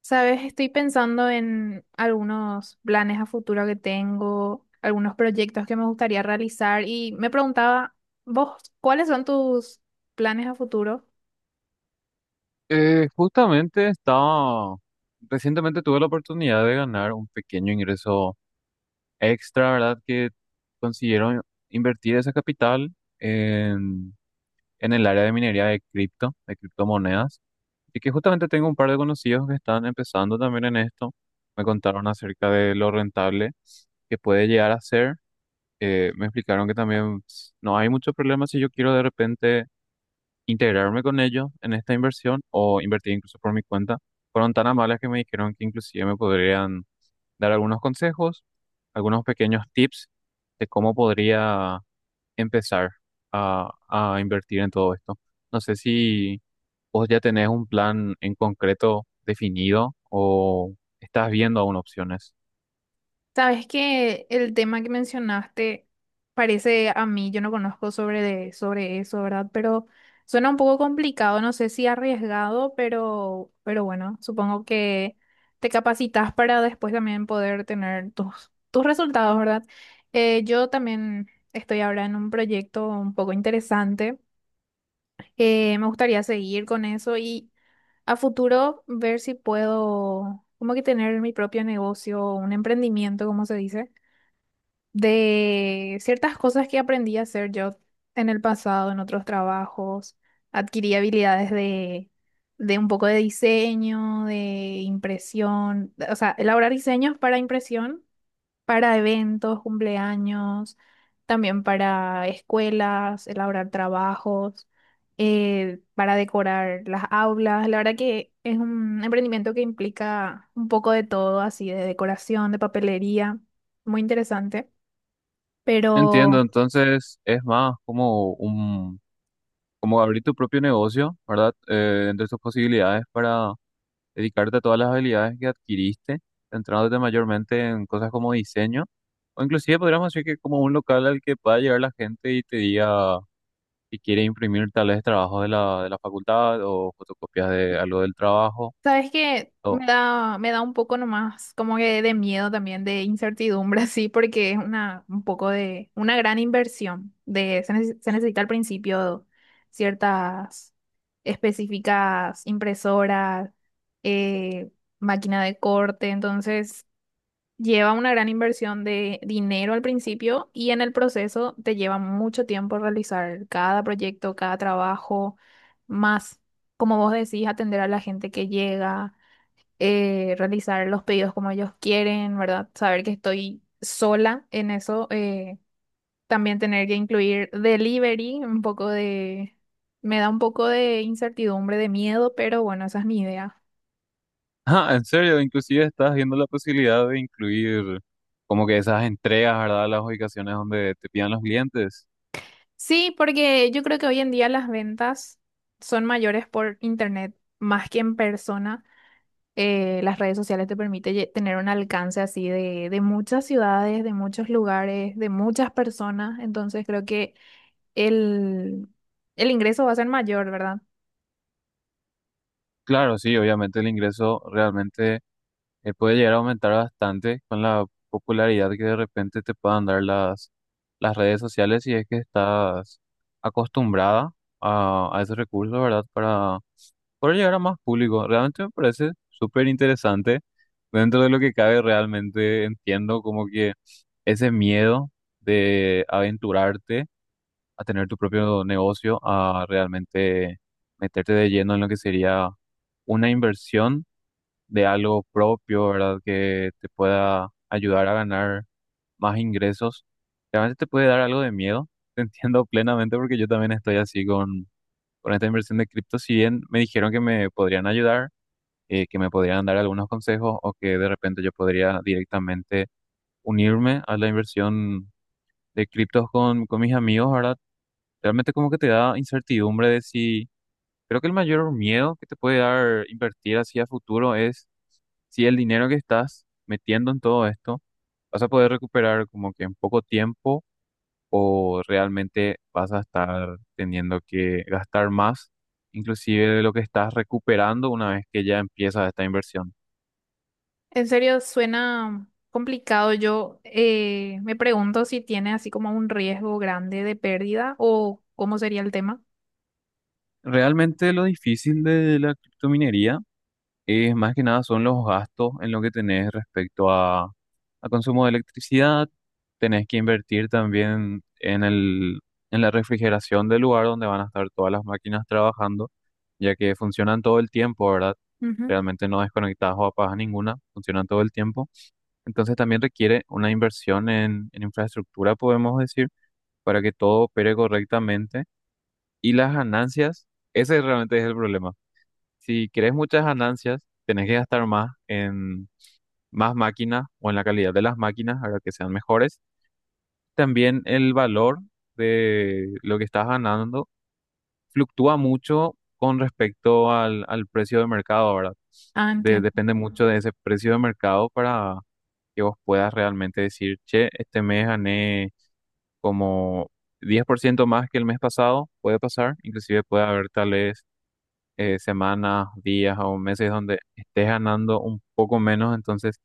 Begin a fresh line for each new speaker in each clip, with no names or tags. Sabes, estoy pensando en algunos planes a futuro que tengo, algunos proyectos que me gustaría realizar y me preguntaba, vos, ¿cuáles son tus planes a futuro?
Justamente recientemente tuve la oportunidad de ganar un pequeño ingreso extra, ¿verdad? Que consiguieron invertir esa capital en, en el área de minería de cripto, de criptomonedas. Y que justamente tengo un par de conocidos que están empezando también en esto. Me contaron acerca de lo rentable que puede llegar a ser. Me explicaron que también pues, no hay mucho problema si yo quiero de repente integrarme con ellos en esta inversión o invertir incluso por mi cuenta. Fueron tan amables que me dijeron que inclusive me podrían dar algunos consejos, algunos pequeños tips de cómo podría empezar a invertir en todo esto. No sé si vos ya tenés un plan en concreto definido o estás viendo aún opciones.
Sabes que el tema que mencionaste parece a mí, yo no conozco sobre, sobre eso, ¿verdad? Pero suena un poco complicado, no sé si arriesgado, pero bueno, supongo que te capacitas para después también poder tener tus resultados, ¿verdad? Yo también estoy ahora en un proyecto un poco interesante. Me gustaría seguir con eso y a futuro ver si puedo como que tener mi propio negocio, un emprendimiento, como se dice, de ciertas cosas que aprendí a hacer yo en el pasado, en otros trabajos. Adquirí habilidades de un poco de diseño, de impresión, o sea, elaborar diseños para impresión, para eventos, cumpleaños, también para escuelas, elaborar trabajos, para decorar las aulas. La verdad que es un emprendimiento que implica un poco de todo, así de decoración, de papelería, muy interesante.
Entiendo,
Pero,
entonces es más como un, como abrir tu propio negocio, ¿verdad? Entre tus posibilidades para dedicarte a todas las habilidades que adquiriste, centrándote mayormente en cosas como diseño, o inclusive podríamos decir que como un local al que pueda llegar la gente y te diga si quiere imprimir tal vez trabajos de la facultad o fotocopias de algo del trabajo.
¿sabes qué?
O,
Me da un poco nomás como que de miedo también, de incertidumbre, así, porque un poco de, una gran inversión. Se necesita al principio ciertas específicas impresoras, eh, máquina de corte, entonces lleva una gran inversión de dinero al principio y en el proceso te lleva mucho tiempo realizar cada proyecto, cada trabajo, más, como vos decís, atender a la gente que llega, realizar los pedidos como ellos quieren, ¿verdad? Saber que estoy sola en eso, también tener que incluir delivery, un poco de... Me da un poco de incertidumbre, de miedo, pero bueno, esa es mi idea.
ah, en serio, inclusive estás viendo la posibilidad de incluir como que esas entregas, ¿verdad? Las ubicaciones donde te pidan los clientes.
Sí, porque yo creo que hoy en día las ventas son mayores por internet más que en persona. Las redes sociales te permite tener un alcance así de muchas ciudades, de muchos lugares, de muchas personas. Entonces creo que el, el ingreso va a ser mayor, ¿verdad?
Claro, sí, obviamente el ingreso realmente puede llegar a aumentar bastante con la popularidad que de repente te puedan dar las redes sociales si es que estás acostumbrada a esos recursos, ¿verdad? Para poder llegar a más público. Realmente me parece súper interesante. Dentro de lo que cabe, realmente entiendo como que ese miedo de aventurarte a tener tu propio negocio, a realmente meterte de lleno en lo que sería una inversión de algo propio, ¿verdad? Que te pueda ayudar a ganar más ingresos. Realmente te puede dar algo de miedo, te entiendo plenamente porque yo también estoy así con esta inversión de cripto. Si bien me dijeron que me podrían ayudar, que me podrían dar algunos consejos o que de repente yo podría directamente unirme a la inversión de criptos con mis amigos, ¿verdad? Realmente como que te da incertidumbre de si... Creo que el mayor miedo que te puede dar invertir así a futuro es si el dinero que estás metiendo en todo esto vas a poder recuperar como que en poco tiempo o realmente vas a estar teniendo que gastar más, inclusive de lo que estás recuperando una vez que ya empieza esta inversión.
En serio, suena complicado. Yo, me pregunto si tiene así como un riesgo grande de pérdida o cómo sería el tema.
Realmente lo difícil de la criptominería es más que nada son los gastos en lo que tenés respecto a consumo de electricidad. Tenés que invertir también en el, en la refrigeración del lugar donde van a estar todas las máquinas trabajando, ya que funcionan todo el tiempo, ¿verdad?
Ujú.
Realmente no desconectadas o apagas ninguna, funcionan todo el tiempo. Entonces también requiere una inversión en infraestructura, podemos decir, para que todo opere correctamente. Y las ganancias, ese realmente es el problema. Si querés muchas ganancias, tenés que gastar más en más máquinas o en la calidad de las máquinas para que sean mejores. También el valor de lo que estás ganando fluctúa mucho con respecto al precio de mercado, ¿verdad?
Ah,
De-
entiendo.
depende mucho de ese precio de mercado para que vos puedas realmente decir, che, este mes gané como 10% más que el mes pasado, puede pasar, inclusive puede haber tal vez semanas, días o meses donde estés ganando un poco menos, entonces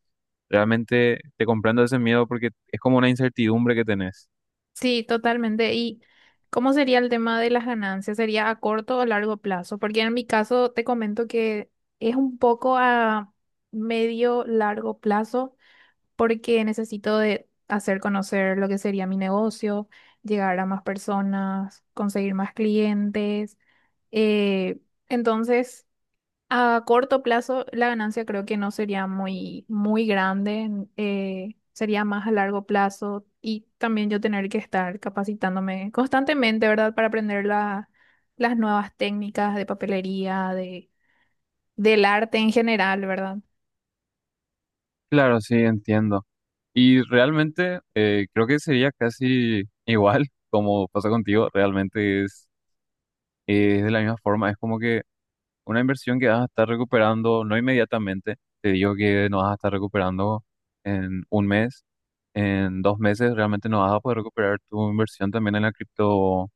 realmente te comprendo ese miedo porque es como una incertidumbre que tenés.
Sí, totalmente. ¿Y cómo sería el tema de las ganancias? ¿Sería a corto o largo plazo? Porque en mi caso te comento que es un poco a medio largo plazo porque necesito de hacer conocer lo que sería mi negocio, llegar a más personas, conseguir más clientes. Eh, entonces, a corto plazo, la ganancia creo que no sería muy grande, sería más a largo plazo y también yo tener que estar capacitándome constantemente, ¿verdad? Para aprender las nuevas técnicas de papelería, del arte en general, ¿verdad?
Claro, sí, entiendo. Y realmente creo que sería casi igual como pasa contigo, realmente es de la misma forma, es como que una inversión que vas a estar recuperando, no inmediatamente, te digo que no vas a estar recuperando en un mes. En 2 meses realmente no vas a poder recuperar tu inversión también en la cripto.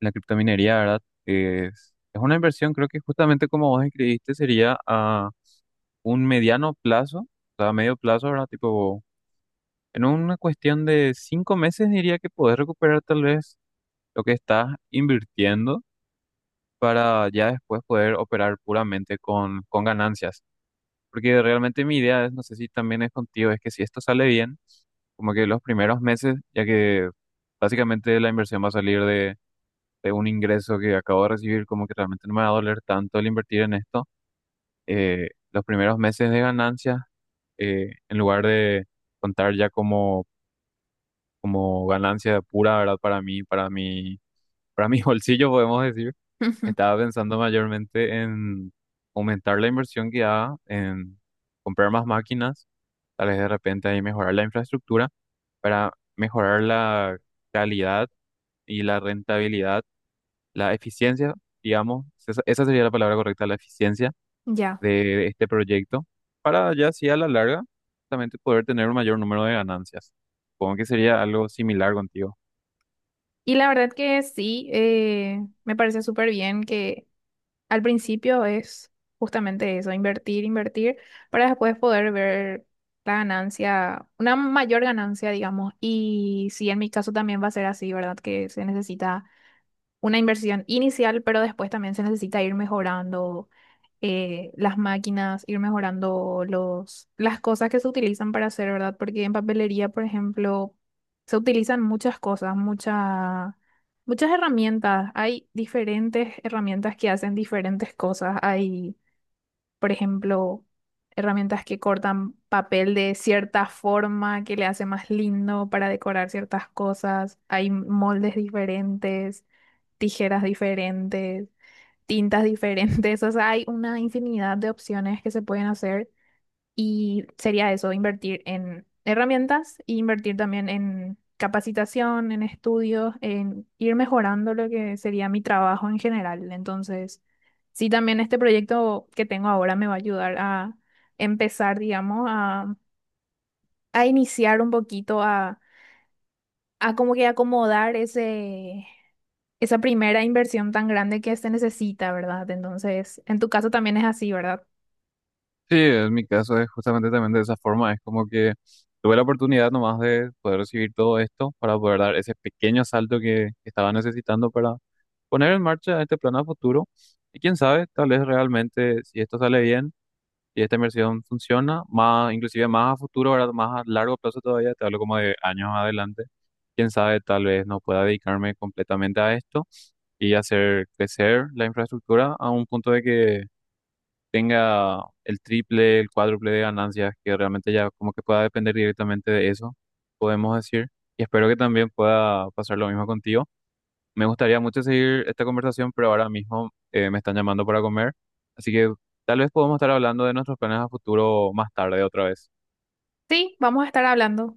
La criptominería, ¿verdad? Es una inversión, creo que justamente como vos escribiste, sería a un mediano plazo, o sea, a medio plazo, ¿verdad? Tipo, en una cuestión de 5 meses diría que podés recuperar tal vez lo que estás invirtiendo para ya después poder operar puramente con ganancias. Porque realmente mi idea es, no sé si también es contigo, es que si esto sale bien, como que los primeros meses, ya que básicamente la inversión va a salir de un ingreso que acabo de recibir, como que realmente no me va a doler tanto el invertir en esto. Los primeros meses de ganancias en lugar de contar ya como, como ganancia pura, ¿verdad? Para mi bolsillo, podemos decir, estaba pensando mayormente en aumentar la inversión que haga, en comprar más máquinas, tal vez de repente ahí mejorar la infraestructura para mejorar la calidad y la rentabilidad la eficiencia, digamos, esa sería la palabra correcta, la eficiencia
Ya.
de este proyecto, para ya así a la larga, justamente poder tener un mayor número de ganancias. Supongo que sería algo similar contigo.
Y la verdad que sí, me parece súper bien que al principio es justamente eso, invertir, para después poder ver la ganancia, una mayor ganancia, digamos. Y sí, en mi caso también va a ser así, ¿verdad? Que se necesita una inversión inicial, pero después también se necesita ir mejorando, las máquinas, ir mejorando las cosas que se utilizan para hacer, ¿verdad? Porque en papelería, por ejemplo, se utilizan muchas cosas, muchas herramientas. Hay diferentes herramientas que hacen diferentes cosas. Hay, por ejemplo, herramientas que cortan papel de cierta forma, que le hace más lindo para decorar ciertas cosas. Hay moldes diferentes, tijeras diferentes, tintas diferentes, o sea, hay una infinidad de opciones que se pueden hacer y sería eso, invertir en herramientas e invertir también en capacitación, en estudios, en ir mejorando lo que sería mi trabajo en general. Entonces, sí, también este proyecto que tengo ahora me va a ayudar a empezar, digamos, a iniciar un poquito a como que acomodar esa primera inversión tan grande que se necesita, ¿verdad? Entonces, en tu caso también es así, ¿verdad?
Sí, en mi caso es justamente también de esa forma, es como que tuve la oportunidad nomás de poder recibir todo esto para poder dar ese pequeño salto que estaba necesitando para poner en marcha este plan a futuro. Y quién sabe, tal vez realmente, si esto sale bien, y esta inversión funciona, más, inclusive más a futuro, ¿verdad? Más a largo plazo todavía, te hablo como de años adelante. Quién sabe, tal vez no pueda dedicarme completamente a esto y hacer crecer la infraestructura a un punto de que tenga el triple, el cuádruple de ganancias, que realmente ya como que pueda depender directamente de eso, podemos decir. Y espero que también pueda pasar lo mismo contigo. Me gustaría mucho seguir esta conversación, pero ahora mismo me están llamando para comer, así que tal vez podemos estar hablando de nuestros planes a futuro más tarde otra vez.
Sí, vamos a estar hablando.